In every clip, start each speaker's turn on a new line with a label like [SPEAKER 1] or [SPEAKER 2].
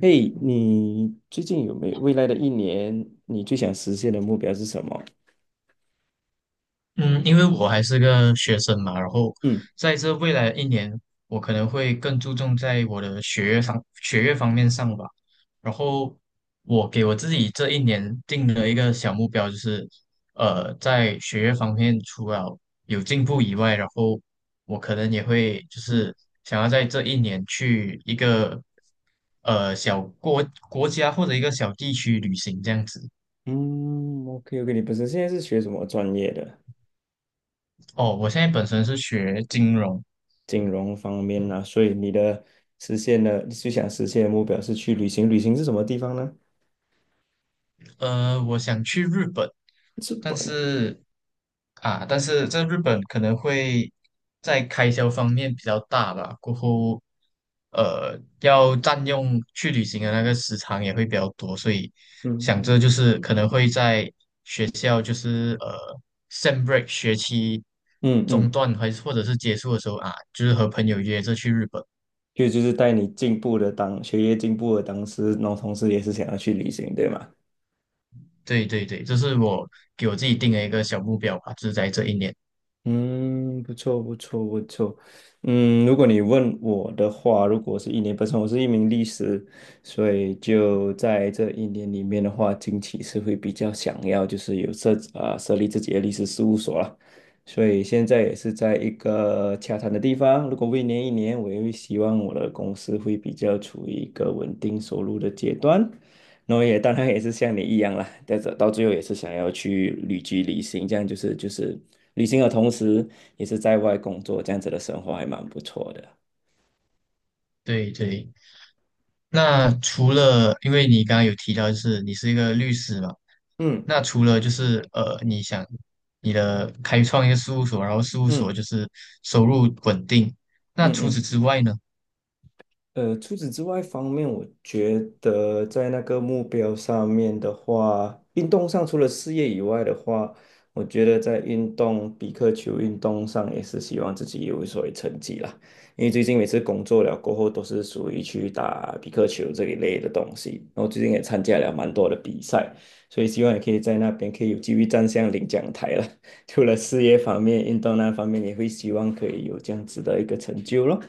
[SPEAKER 1] 嘿，你最近有没有未来的一年，你最想实现的目标是什么？
[SPEAKER 2] 嗯，因为我还是个学生嘛，然后
[SPEAKER 1] 嗯
[SPEAKER 2] 在这未来的一年，我可能会更注重在我的学业上、学业方面上吧。然后我给我自己这一年定了一个小目标，就是在学业方面除了有进步以外，然后我可能也会就
[SPEAKER 1] 嗯
[SPEAKER 2] 是想要在这一年去一个小国国家或者一个小地区旅行这样子。
[SPEAKER 1] 嗯，OK OK，你本身现在是学什么专业的？
[SPEAKER 2] 哦，我现在本身是学金融，
[SPEAKER 1] 金融方面啊，所以实现的你最想实现的目标是去旅行，旅行是什么地方呢？
[SPEAKER 2] 我想去日本，
[SPEAKER 1] 日
[SPEAKER 2] 但
[SPEAKER 1] 本啊。
[SPEAKER 2] 是但是在日本可能会在开销方面比较大吧，过后要占用去旅行的那个时长也会比较多，所以
[SPEAKER 1] 嗯
[SPEAKER 2] 想
[SPEAKER 1] 嗯
[SPEAKER 2] 着就是可能会在学校就是sem break 学期
[SPEAKER 1] 嗯
[SPEAKER 2] 中
[SPEAKER 1] 嗯，
[SPEAKER 2] 断还是或者是结束的时候啊，就是和朋友约着去日本。
[SPEAKER 1] 就是带你进步的当学业进步的当时，然后同时也是想要去旅行，对吗？
[SPEAKER 2] 对对对，这是我给我自己定的一个小目标吧，就是在这一年。
[SPEAKER 1] 嗯，不错，不错，不错。嗯，如果你问我的话，如果是一年，本身我是一名律师，所以就在这一年里面的话，近期是会比较想要就是有设立自己的律师事务所了。所以现在也是在一个洽谈的地方。如果未年一年，我也会希望我的公司会比较处于一个稳定收入的阶段，那我也当然也是像你一样啦，但是到最后也是想要去旅居旅行，这样就是旅行的同时也是在外工作，这样子的生活还蛮不错的。
[SPEAKER 2] 对对。那除了，因为你刚刚有提到，就是你是一个律师嘛，
[SPEAKER 1] 嗯
[SPEAKER 2] 那除了就是你的开创一个事务所，然后事务所
[SPEAKER 1] 嗯
[SPEAKER 2] 就是收入稳定，那
[SPEAKER 1] 嗯
[SPEAKER 2] 除此
[SPEAKER 1] 嗯。
[SPEAKER 2] 之外呢？
[SPEAKER 1] 除此之外方面，我觉得在那个目标上面的话，运动上除了事业以外的话，我觉得在运动比克球运动上也是希望自己有所谓成绩啦。因为最近每次工作了过后，都是属于去打比克球这一类的东西。然后最近也参加了蛮多的比赛，所以希望也可以在那边可以有机会站上领奖台了。除了事业方面，运动那方面也会希望可以有这样子的一个成就咯。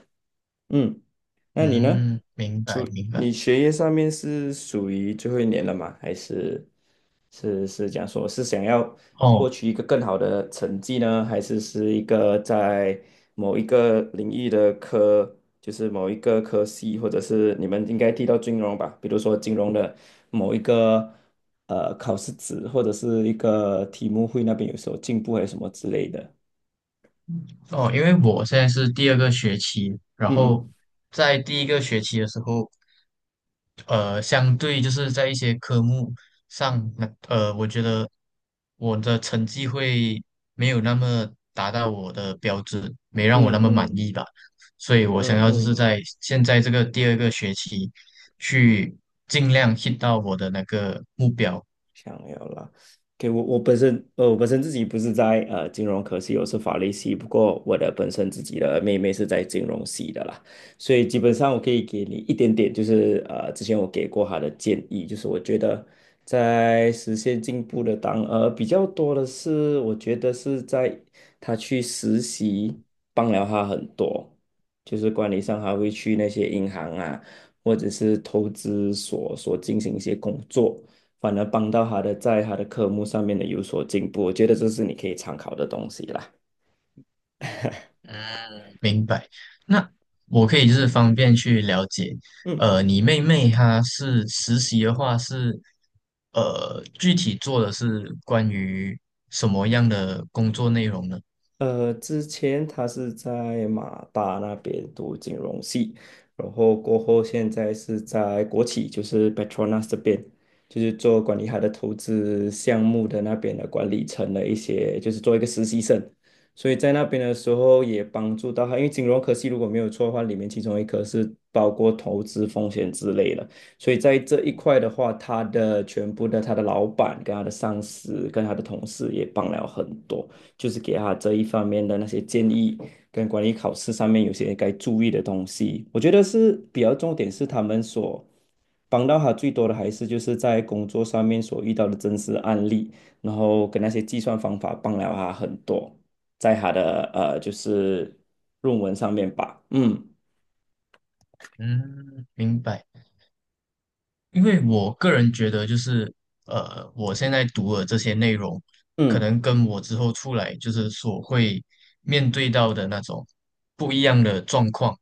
[SPEAKER 1] 嗯，那你呢？
[SPEAKER 2] 嗯，明白明
[SPEAKER 1] 你
[SPEAKER 2] 白。
[SPEAKER 1] 学业上面是属于最后一年了吗？还是是讲说是想要
[SPEAKER 2] 哦
[SPEAKER 1] 获取一个更好的成绩呢？还是是一个在某一个领域的科，就是某一个科系，或者是你们应该提到金融吧？比如说金融的某一个考试纸，或者是一个题目会那边有时候进步还是什么之类的。
[SPEAKER 2] 哦，因为我现在是第二个学期，然
[SPEAKER 1] 嗯
[SPEAKER 2] 后在第一个学期的时候，相对就是在一些科目上，那我觉得我的成绩会没有那么达到我的标准，没让我
[SPEAKER 1] 嗯
[SPEAKER 2] 那么满
[SPEAKER 1] 嗯
[SPEAKER 2] 意吧。所以我想
[SPEAKER 1] 嗯嗯
[SPEAKER 2] 要就是
[SPEAKER 1] 嗯。
[SPEAKER 2] 在现在这个第二个学期去尽量 hit 到我的那个目标。
[SPEAKER 1] 想要啦，我本身我本身自己不是在金融科系，我是法律系。不过我的本身自己的妹妹是在金融系的啦，所以基本上我可以给你一点点，就是之前我给过她的建议，就是我觉得在实现进步的当比较多的是，我觉得是在她去实习帮了她很多，就是管理上还会去那些银行啊，或者是投资所进行一些工作。反而帮到他的在他的科目上面的有所进步。我觉得这是你可以参考的东西啦。
[SPEAKER 2] 那我可以就是方便去了解，
[SPEAKER 1] 嗯。
[SPEAKER 2] 你妹妹她是实习的话是，具体做的是关于什么样的工作内容呢？
[SPEAKER 1] 之前他是在马大那边读金融系，然后过后现在是在国企，就是 Petronas 这边，就是做管理他的投资项目的那边的管理层的一些，就是做一个实习生。所以在那边的时候也帮助到他，因为金融科系如果没有错的话，里面其中一科是包括投资风险之类的，所以在这一块的话，他的老板跟他的上司跟他的同事也帮了很多。就是给他这一方面的那些建议，跟管理考试上面有些该注意的东西。我觉得是比较重点是他们所帮到他最多的，还是就是在工作上面所遇到的真实案例，然后跟那些计算方法帮了他很多，在他的就是论文上面吧。嗯
[SPEAKER 2] 嗯，明白。因为我个人觉得，就是我现在读的这些内容，可
[SPEAKER 1] 嗯
[SPEAKER 2] 能跟我之后出来就是所会面对到的那种不一样的状况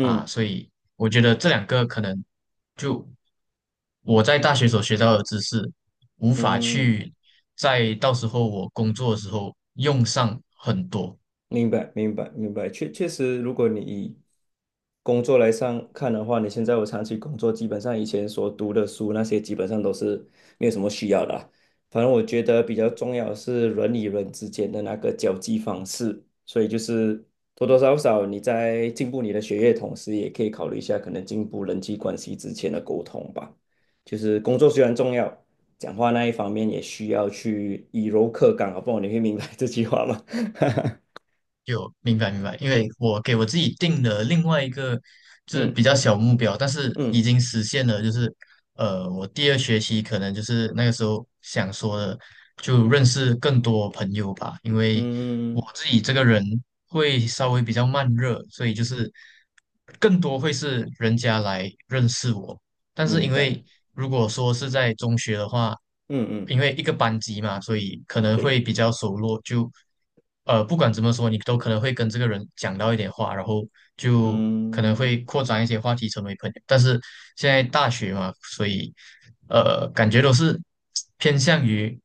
[SPEAKER 2] 啊，所以我觉得这两个可能就我在大学所学到的知识，无法
[SPEAKER 1] 嗯嗯。
[SPEAKER 2] 去在到时候我工作的时候用上很多。
[SPEAKER 1] 明白，明白，明白。确确实，如果你以工作来上看的话，你现在我长期工作，基本上以前所读的书那些，基本上都是没有什么需要的啊。反正我觉得比较重要的是人与人之间的那个交际方式，所以就是多多少少你在进步你的学业，同时也可以考虑一下可能进步人际关系之间的沟通吧。就是工作虽然重要，讲话那一方面也需要去以柔克刚啊，好不好？你会明白这句话吗？
[SPEAKER 2] 有，明白明白，因为我给我自己定了另外一个就是
[SPEAKER 1] 嗯
[SPEAKER 2] 比较小目标，但是已
[SPEAKER 1] 嗯。
[SPEAKER 2] 经实现了，就是我第二学期可能就是那个时候想说的，就认识更多朋友吧，因为我
[SPEAKER 1] 嗯，
[SPEAKER 2] 自己这个人会稍微比较慢热，所以就是更多会是人家来认识我，但是
[SPEAKER 1] 明
[SPEAKER 2] 因
[SPEAKER 1] 白。
[SPEAKER 2] 为如果说是在中学的话，
[SPEAKER 1] 嗯嗯，
[SPEAKER 2] 因为一个班级嘛，所以可能会
[SPEAKER 1] 对，
[SPEAKER 2] 比较熟络，就不管怎么说，你都可能会跟这个人讲到一点话，然后就可能会
[SPEAKER 1] 嗯
[SPEAKER 2] 扩展一些话题，成为朋友。但是现在大学嘛，所以感觉都是偏向于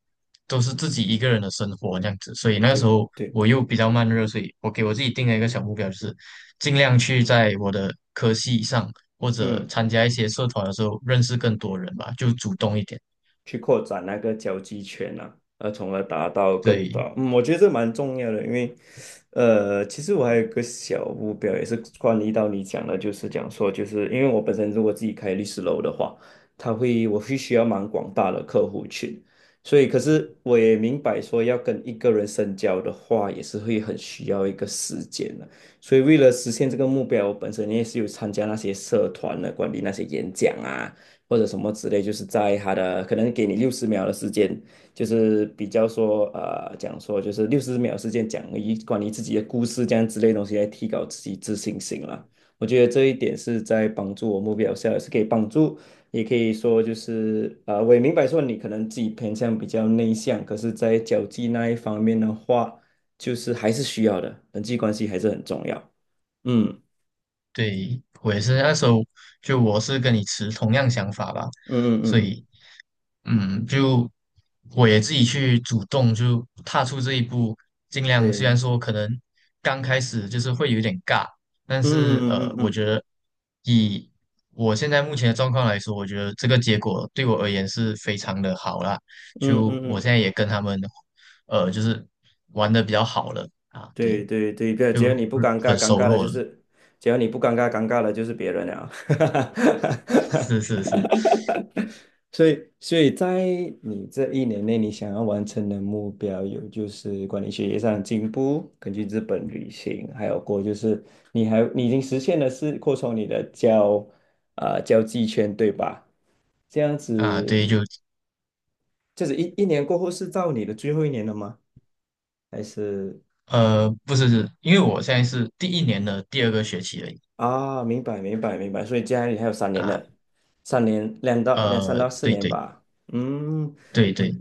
[SPEAKER 2] 都是自己一个人的生活这样子，所以那个时
[SPEAKER 1] 对
[SPEAKER 2] 候
[SPEAKER 1] 对，
[SPEAKER 2] 我又比较慢热，所以我给我自己定了一个小目标，就是尽量去在我的科系上。或者
[SPEAKER 1] 嗯。
[SPEAKER 2] 参加一些社团的时候认识更多人吧，就主动一点。
[SPEAKER 1] 去扩展那个交际圈啊，从而达到更
[SPEAKER 2] 对
[SPEAKER 1] 大。嗯，我觉得这蛮重要的，因为，其实我还有一个小目标，也是关于到你讲的，就是讲说，就是因为我本身如果自己开律师楼的话，他会我必需要蛮广大的客户群，所以可是我也明白说，要跟一个人深交的话，也是会很需要一个时间的。所以为了实现这个目标，我本身也是有参加那些社团的，管理那些演讲啊。或者什么之类，就是在他的可能给你六十秒的时间，就是比较说讲说就是六十秒时间讲一关于自己的故事这样之类的东西来提高自己自信心啦。我觉得这一点是在帮助我目标下，也是可以帮助，也可以说就是我也明白说你可能自己偏向比较内向，可是在交际那一方面的话，就是还是需要的，人际关系还是很重要。嗯
[SPEAKER 2] 对，我也是那时候就我是跟你持同样想法吧，
[SPEAKER 1] 嗯嗯嗯
[SPEAKER 2] 所
[SPEAKER 1] 嗯
[SPEAKER 2] 以嗯，就我也自己去主动就踏出这一步，尽量虽然
[SPEAKER 1] 对，
[SPEAKER 2] 说可能刚开始就是会有点尬，但是
[SPEAKER 1] 嗯嗯
[SPEAKER 2] 我
[SPEAKER 1] 嗯
[SPEAKER 2] 觉得以我现在目前的状况来说，我觉得这个结果对我而言是非常的好啦。
[SPEAKER 1] 嗯嗯
[SPEAKER 2] 就
[SPEAKER 1] 嗯嗯
[SPEAKER 2] 我现
[SPEAKER 1] 嗯。
[SPEAKER 2] 在也跟他们就是玩的比较好了啊，对，
[SPEAKER 1] 对对对，对，
[SPEAKER 2] 就
[SPEAKER 1] 只要你不
[SPEAKER 2] 很
[SPEAKER 1] 尴尬，
[SPEAKER 2] 很
[SPEAKER 1] 尴
[SPEAKER 2] 熟
[SPEAKER 1] 尬的
[SPEAKER 2] 络
[SPEAKER 1] 就
[SPEAKER 2] 了，
[SPEAKER 1] 是，只要你不尴尬，尴尬的就是别人了。
[SPEAKER 2] 是是是
[SPEAKER 1] 所以，所以在你这一年内，你想要完成的目标有就是管理学业上的进步，根据日本旅行，还有过就是你已经实现的是扩充你的交际圈，对吧？这样
[SPEAKER 2] 啊，
[SPEAKER 1] 子，
[SPEAKER 2] 对，就
[SPEAKER 1] 就是一年过后是到你的最后一年了吗？还是？
[SPEAKER 2] 不是是，因为我现在是第一年的第二个学期而已。
[SPEAKER 1] 啊，明白明白明白，所以家里还有三年
[SPEAKER 2] 啊。
[SPEAKER 1] 的，三年两到两三到四
[SPEAKER 2] 对
[SPEAKER 1] 年
[SPEAKER 2] 对
[SPEAKER 1] 吧。嗯，
[SPEAKER 2] 对
[SPEAKER 1] 我
[SPEAKER 2] 对，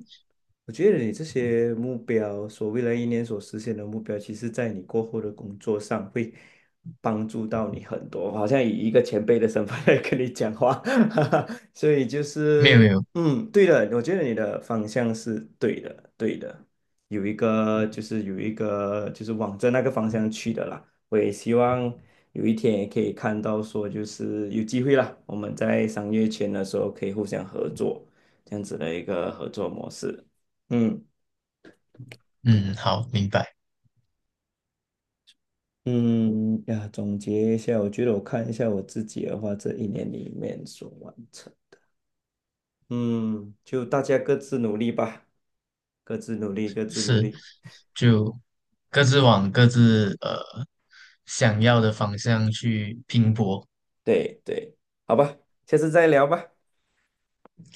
[SPEAKER 1] 我觉得你这些目标，所未来一年所实现的目标，其实在你过后的工作上会帮助到你很多。好像以一个前辈的身份 来跟你讲话，哈哈，所以就
[SPEAKER 2] 没有没
[SPEAKER 1] 是
[SPEAKER 2] 有，
[SPEAKER 1] 嗯，对的，我觉得你的方向是对的，对的，有一个就是往着那个方向去的啦。我也希望有一天也可以看到说，就是有机会啦，我们在商业圈的时候可以互相合作，这样子的一个合作模式。嗯
[SPEAKER 2] 嗯，好，明白，
[SPEAKER 1] 嗯呀，总结一下，我觉得我看一下我自己的话，这一年里面所完成，嗯，就大家各自努力吧，各自努力，各自努
[SPEAKER 2] 是，
[SPEAKER 1] 力。
[SPEAKER 2] 就各自往各自想要的方向去拼搏。
[SPEAKER 1] 对对，好吧，下次再聊吧，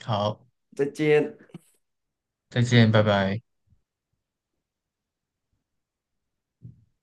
[SPEAKER 2] 好，
[SPEAKER 1] 再见。
[SPEAKER 2] 再见，拜拜。